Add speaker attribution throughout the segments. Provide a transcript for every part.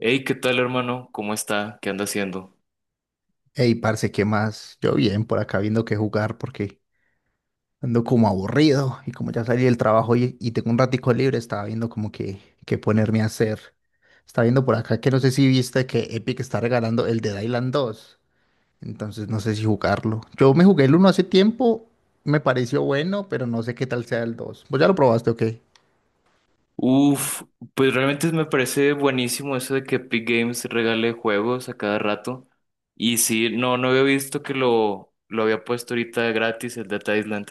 Speaker 1: Hey, ¿qué tal, hermano? ¿Cómo está? ¿Qué anda haciendo?
Speaker 2: Ey, parce, ¿qué más? Yo bien, por acá viendo qué jugar porque ando como aburrido y como ya salí del trabajo y tengo un ratico libre, estaba viendo como que qué ponerme a hacer. Estaba viendo por acá que no sé si viste que Epic está regalando el Dead Island 2, entonces no sé si jugarlo. Yo me jugué el uno hace tiempo, me pareció bueno, pero no sé qué tal sea el 2. ¿Vos ya lo probaste o qué?
Speaker 1: Uf, pues realmente me parece buenísimo eso de que Epic Games regale juegos a cada rato. Y sí, no había visto que lo había puesto ahorita gratis el Data Island,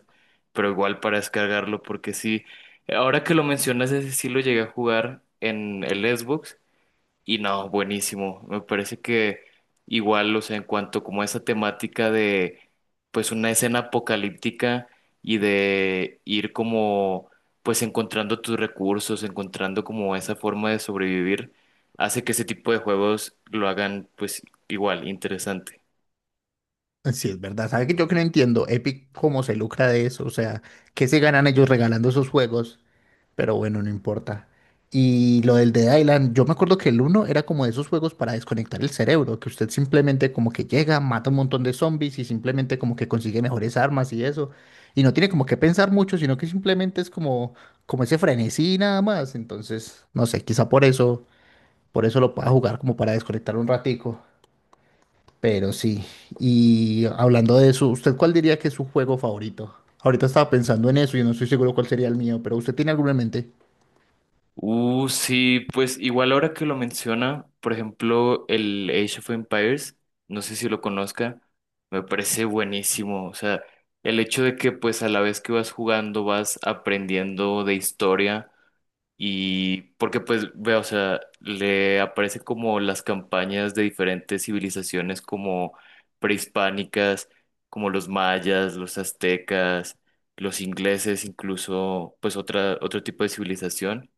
Speaker 1: pero igual para descargarlo, porque sí, ahora que lo mencionas, ese sí lo llegué a jugar en el Xbox. Y no, buenísimo. Me parece que igual, o sea, en cuanto como a esa temática de pues una escena apocalíptica y de ir como pues encontrando tus recursos, encontrando como esa forma de sobrevivir, hace que ese tipo de juegos lo hagan pues igual interesante.
Speaker 2: Sí, es verdad. ¿Sabes que yo que no entiendo? Epic, ¿cómo se lucra de eso? O sea, ¿qué se ganan ellos regalando esos juegos? Pero bueno, no importa. Y lo del Dead Island, yo me acuerdo que el uno era como de esos juegos para desconectar el cerebro, que usted simplemente como que llega, mata un montón de zombies y simplemente como que consigue mejores armas y eso. Y no tiene como que pensar mucho, sino que simplemente es como ese frenesí nada más. Entonces, no sé, quizá por eso lo pueda jugar como para desconectar un ratico. Pero sí. Y hablando de eso, ¿usted cuál diría que es su juego favorito? Ahorita estaba pensando en eso y no estoy seguro cuál sería el mío, pero ¿usted tiene alguno en mente?
Speaker 1: Sí, pues igual ahora que lo menciona, por ejemplo, el Age of Empires, no sé si lo conozca, me parece buenísimo. O sea, el hecho de que pues a la vez que vas jugando vas aprendiendo de historia y porque pues veo, o sea, le aparecen como las campañas de diferentes civilizaciones como prehispánicas, como los mayas, los aztecas, los ingleses, incluso pues otra, otro tipo de civilización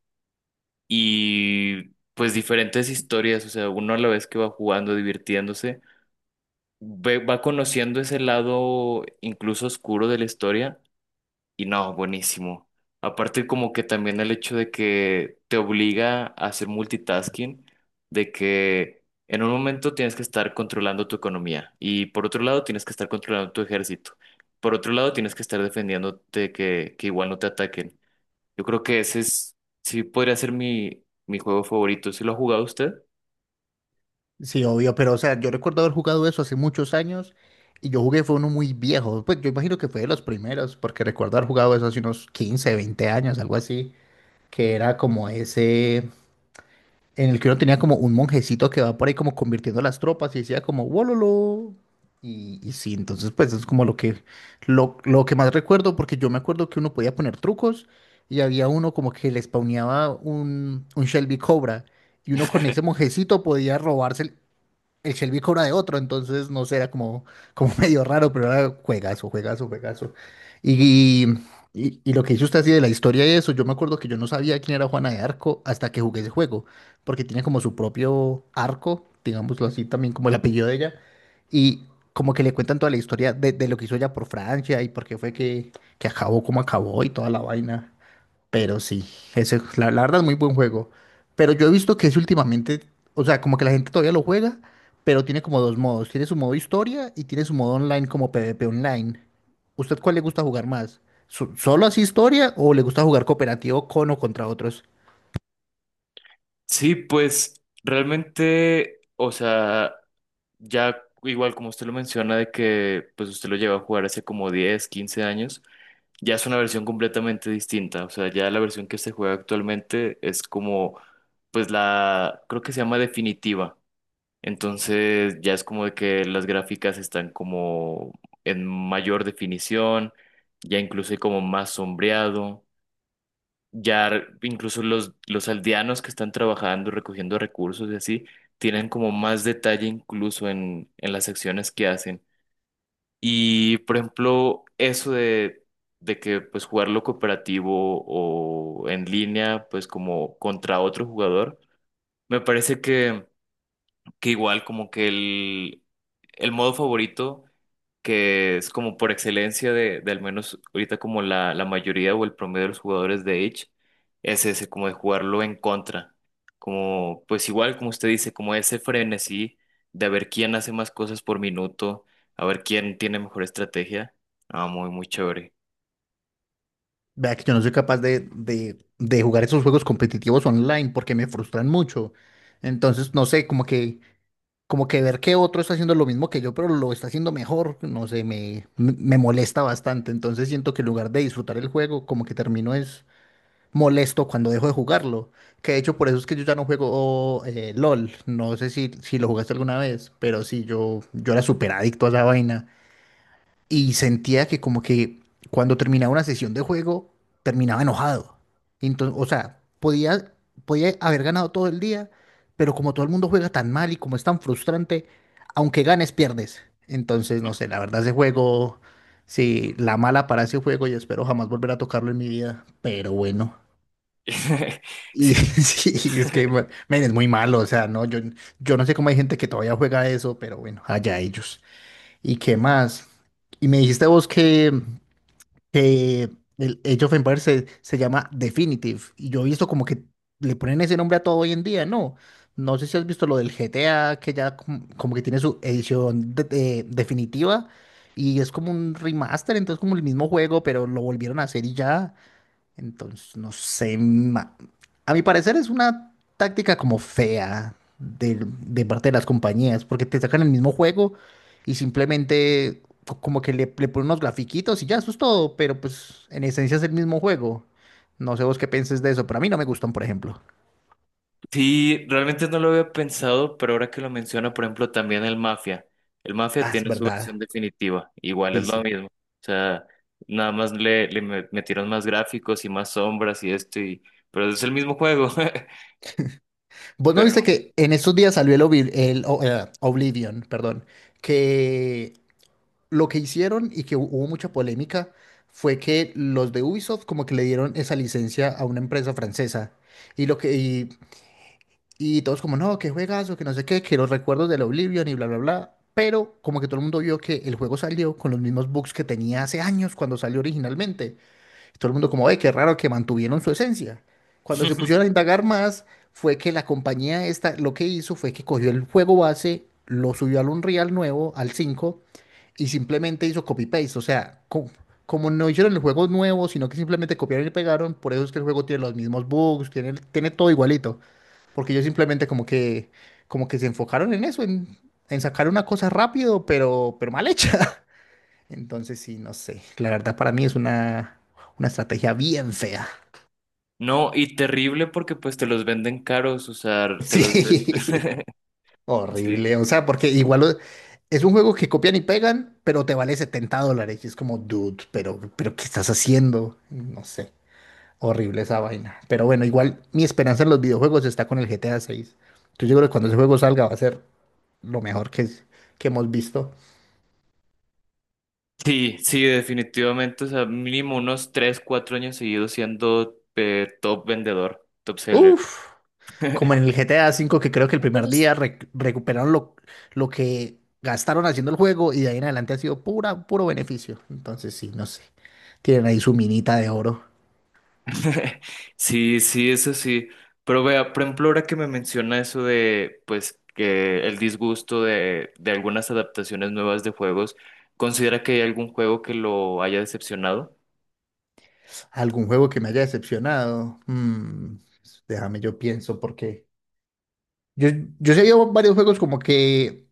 Speaker 1: y pues diferentes historias, o sea, uno a la vez que va jugando, divirtiéndose, va conociendo ese lado incluso oscuro de la historia y no, buenísimo. Aparte como que también el hecho de que te obliga a hacer multitasking, de que en un momento tienes que estar controlando tu economía y por otro lado tienes que estar controlando tu ejército. Por otro lado, tienes que estar defendiéndote que igual no te ataquen. Yo creo que ese es, sí podría ser mi juego favorito. ¿Sí lo ha jugado usted?
Speaker 2: Sí, obvio, pero o sea, yo recuerdo haber jugado eso hace muchos años y yo jugué fue uno muy viejo. Pues yo imagino que fue de los primeros, porque recuerdo haber jugado eso hace unos 15, 20 años, algo así, que era como ese, en el que uno tenía como un monjecito que va por ahí como convirtiendo las tropas y decía como wololo. Y sí, entonces pues es como lo que más recuerdo, porque yo me acuerdo que uno podía poner trucos y había uno como que le spawneaba un Shelby Cobra y uno con ese monjecito podía robarse el Shelby cobra de otro, entonces no sé, era como medio raro, pero era juegazo, juegazo, juegazo. Y, y lo que hizo usted así de la historia y eso, yo me acuerdo que yo no sabía quién era Juana de Arco hasta que jugué ese juego, porque tiene como su propio arco, digámoslo así, también como el apellido de ella, y como que le cuentan toda la historia de lo que hizo ella por Francia y por qué fue que acabó como acabó y toda la vaina. Pero sí, ese, la verdad es muy buen juego. Pero yo he visto que es últimamente, o sea, como que la gente todavía lo juega, pero tiene como dos modos. Tiene su modo historia y tiene su modo online como PvP online. ¿Usted cuál le gusta jugar más? ¿Solo así historia o le gusta jugar cooperativo con o contra otros?
Speaker 1: Sí, pues realmente, o sea, ya igual como usted lo menciona de que pues usted lo lleva a jugar hace como 10 15 años, ya es una versión completamente distinta. O sea, ya la versión que se juega actualmente es como, pues la, creo que se llama definitiva. Entonces ya es como de que las gráficas están como en mayor definición, ya incluso hay como más sombreado. Ya incluso los aldeanos que están trabajando, recogiendo recursos y así, tienen como más detalle incluso en las acciones que hacen. Y por ejemplo, eso de que pues jugarlo cooperativo o en línea, pues como contra otro jugador, me parece que igual como que el modo favorito que es como por excelencia de al menos ahorita como la mayoría o el promedio de los jugadores de Age, es ese, como de jugarlo en contra. Como, pues igual como usted dice, como ese frenesí de ver quién hace más cosas por minuto, a ver quién tiene mejor estrategia. Ah, muy, muy chévere.
Speaker 2: Vea que yo no soy capaz de jugar esos juegos competitivos online porque me frustran mucho. Entonces, no sé, como que ver que otro está haciendo lo mismo que yo, pero lo está haciendo mejor, no sé, me molesta bastante. Entonces siento que en lugar de disfrutar el juego, como que termino es molesto cuando dejo de jugarlo. Que de hecho por eso es que yo ya no juego LOL. No sé si lo jugaste alguna vez, pero sí, yo era súper adicto a esa vaina y sentía que como que cuando terminaba una sesión de juego, terminaba enojado. Entonces, o sea, podía haber ganado todo el día, pero como todo el mundo juega tan mal y como es tan frustrante, aunque ganes, pierdes. Entonces, no sé, la verdad ese juego, sí, la mala para ese juego y espero jamás volver a tocarlo en mi vida, pero bueno. Y
Speaker 1: Sí,
Speaker 2: sí, es que, bueno, men, es muy malo, o sea, no, yo no sé cómo hay gente que todavía juega eso, pero bueno, allá ellos. ¿Y qué más? Y me dijiste vos que el Age of Empires se llama Definitive. Y yo he visto como que le ponen ese nombre a todo hoy en día, ¿no? No sé si has visto lo del GTA, que ya como, que tiene su edición definitiva y es como un remaster, entonces como el mismo juego, pero lo volvieron a hacer y ya. Entonces, no sé, a mi parecer es una táctica como fea de, parte de las compañías, porque te sacan el mismo juego y simplemente como que le ponen unos grafiquitos y ya, eso es todo, pero pues en esencia es el mismo juego. No sé vos qué pienses de eso, pero a mí no me gustan, por ejemplo.
Speaker 1: sí, realmente no lo había pensado, pero ahora que lo menciona, por ejemplo, también el Mafia. El Mafia
Speaker 2: Ah, es
Speaker 1: tiene su
Speaker 2: verdad.
Speaker 1: versión definitiva, igual
Speaker 2: Sí,
Speaker 1: es lo
Speaker 2: sí.
Speaker 1: mismo. O sea, nada más le metieron más gráficos y más sombras y esto, y, pero es el mismo juego.
Speaker 2: Vos no viste
Speaker 1: Pero
Speaker 2: que en estos días salió el, Obliv- el O- Oblivion, perdón, que lo que hicieron y que hubo mucha polémica fue que los de Ubisoft como que le dieron esa licencia a una empresa francesa. Y lo que y, y todos como, no, que juegazo, que no sé qué, que los recuerdos del Oblivion y bla, bla, bla. Pero como que todo el mundo vio que el juego salió con los mismos bugs que tenía hace años cuando salió originalmente. Todo el mundo como, ve, qué raro que mantuvieron su esencia. Cuando se pusieron a indagar más, fue que la compañía esta lo que hizo fue que cogió el juego base, lo subió al Unreal nuevo, al 5 y simplemente hizo copy-paste. O sea, como no hicieron el juego nuevo, sino que simplemente copiaron y pegaron, por eso es que el juego tiene los mismos bugs, tiene todo igualito. Porque ellos simplemente como que se enfocaron en eso, en sacar una cosa rápido, pero mal hecha. Entonces, sí, no sé. La verdad, para mí es una estrategia bien fea.
Speaker 1: no, y terrible porque pues te los venden caros, o sea, te los...
Speaker 2: Sí,
Speaker 1: Sí.
Speaker 2: horrible. O sea, porque igual es un juego que copian y pegan, pero te vale $70. Y es como, dude, pero ¿qué estás haciendo? No sé. Horrible esa vaina. Pero bueno, igual mi esperanza en los videojuegos está con el GTA 6. Entonces, yo creo que cuando ese juego salga va a ser lo mejor que hemos visto.
Speaker 1: Sí, sí, definitivamente, o sea, mínimo unos 3, 4 años seguidos siendo top vendedor, top seller.
Speaker 2: Uf. Como en el GTA V, que creo que el primer día recuperaron lo que gastaron haciendo el juego y de ahí en adelante ha sido pura, puro beneficio. Entonces, sí, no sé. Tienen ahí su minita de oro.
Speaker 1: Sí, sí, eso sí. Pero vea, por ejemplo, ahora que me menciona eso de, pues, que el disgusto de algunas adaptaciones nuevas de juegos, ¿considera que hay algún juego que lo haya decepcionado?
Speaker 2: ¿Algún juego que me haya decepcionado? Déjame, yo pienso, porque yo, yo, sé, yo varios juegos como que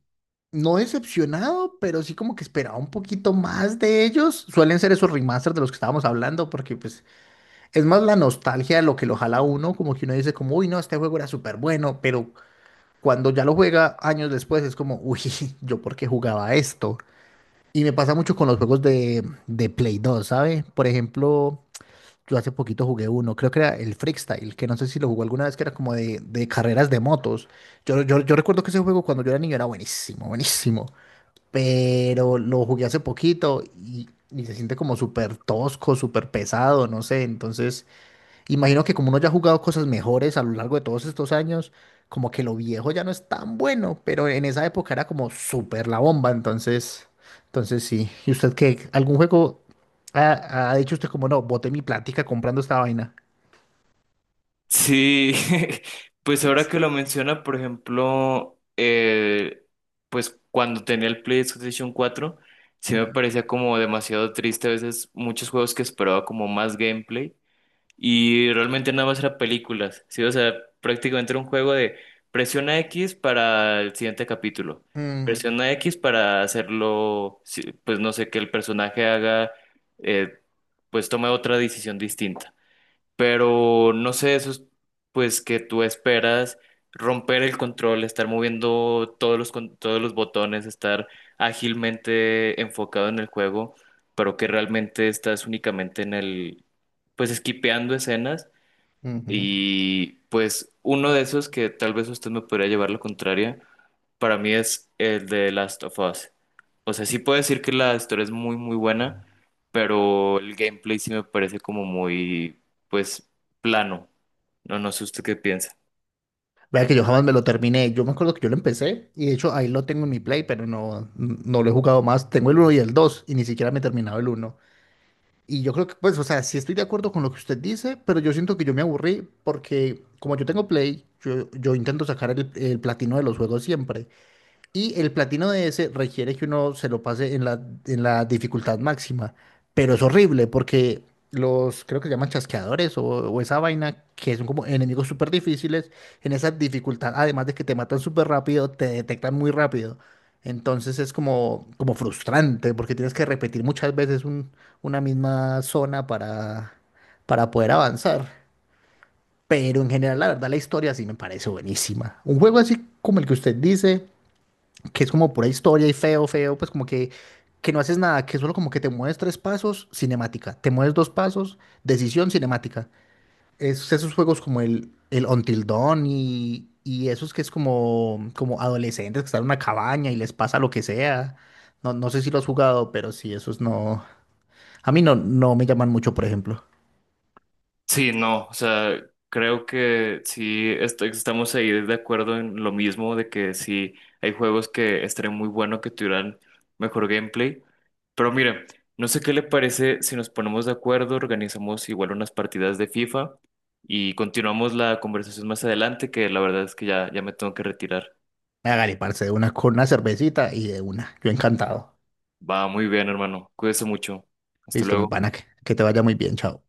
Speaker 2: no decepcionado, pero sí como que esperaba un poquito más de ellos. Suelen ser esos remasters de los que estábamos hablando, porque pues es más la nostalgia de lo que lo jala a uno, como que uno dice como, uy, no, este juego era súper bueno, pero cuando ya lo juega años después es como, uy, yo por qué jugaba esto. Y me pasa mucho con los juegos de Play 2, ¿sabe? Por ejemplo, yo hace poquito jugué uno, creo que era el Freestyle, que no sé si lo jugó alguna vez, que era como de carreras de motos. Yo recuerdo que ese juego cuando yo era niño era buenísimo, buenísimo. Pero lo jugué hace poquito y se siente como súper tosco, súper pesado, no sé. Entonces, imagino que como uno ya ha jugado cosas mejores a lo largo de todos estos años, como que lo viejo ya no es tan bueno, pero en esa época era como súper la bomba, entonces sí. ¿Y usted qué? ¿Algún juego ha dicho usted como no, boté mi plática comprando esta vaina?
Speaker 1: Sí, pues ahora
Speaker 2: Sí.
Speaker 1: que lo menciona, por ejemplo, pues cuando tenía el PlayStation 4, sí me
Speaker 2: Mm.
Speaker 1: parecía como demasiado triste a veces muchos juegos que esperaba como más gameplay. Y realmente nada más era películas, ¿sí? O sea, prácticamente era un juego de presiona X para el siguiente capítulo.
Speaker 2: Mm,
Speaker 1: Presiona X para hacerlo, sí, pues no sé, que el personaje haga, eh, pues tome otra decisión distinta. Pero no sé, eso es pues que tú esperas romper el control, estar moviendo todos los botones, estar ágilmente enfocado en el juego, pero que realmente estás únicamente en el, pues esquipeando escenas
Speaker 2: ujú.
Speaker 1: y pues uno de esos que tal vez usted me podría llevar la contraria para mí es el de Last of Us. O sea, sí puedo decir que la historia es muy, muy buena, pero el gameplay sí me parece como muy, pues, plano. No, no sé usted qué piensa.
Speaker 2: Vea que yo jamás me lo terminé. Yo me acuerdo que yo lo empecé y de hecho ahí lo tengo en mi Play, pero no, no lo he jugado más. Tengo el uno y el 2 y ni siquiera me he terminado el uno. Y yo creo que, pues, o sea, sí estoy de acuerdo con lo que usted dice, pero yo siento que yo me aburrí porque como yo tengo Play, yo intento sacar el platino de los juegos siempre. Y el platino de ese requiere que uno se lo pase en la dificultad máxima. Pero es horrible porque los, creo que se llaman chasqueadores o esa vaina, que son como enemigos súper difíciles, en esa dificultad, además de que te matan súper rápido, te detectan muy rápido. Entonces es como frustrante porque tienes que repetir muchas veces una misma zona para poder avanzar. Pero en general, la verdad, la historia sí me parece buenísima. Un juego así como el que usted dice que es como pura historia y feo, feo, pues que no haces nada, que solo como que te mueves tres pasos, cinemática. Te mueves dos pasos, decisión, cinemática. Esos juegos como el Until Dawn y esos que es como adolescentes que están en una cabaña y les pasa lo que sea. No, no sé si lo has jugado, pero sí, esos no. A mí no, no me llaman mucho, por ejemplo.
Speaker 1: Sí, no, o sea, creo que sí estamos ahí de acuerdo en lo mismo de que sí hay juegos que estaría muy bueno que tuvieran mejor gameplay. Pero mira, no sé qué le parece si nos ponemos de acuerdo, organizamos igual unas partidas de FIFA y continuamos la conversación más adelante, que la verdad es que ya, me tengo que retirar.
Speaker 2: Hágale, parce, de una con una cervecita y de una. Yo encantado.
Speaker 1: Va muy bien, hermano. Cuídese mucho. Hasta
Speaker 2: Listo, mi
Speaker 1: luego.
Speaker 2: pana, que te vaya muy bien, chao.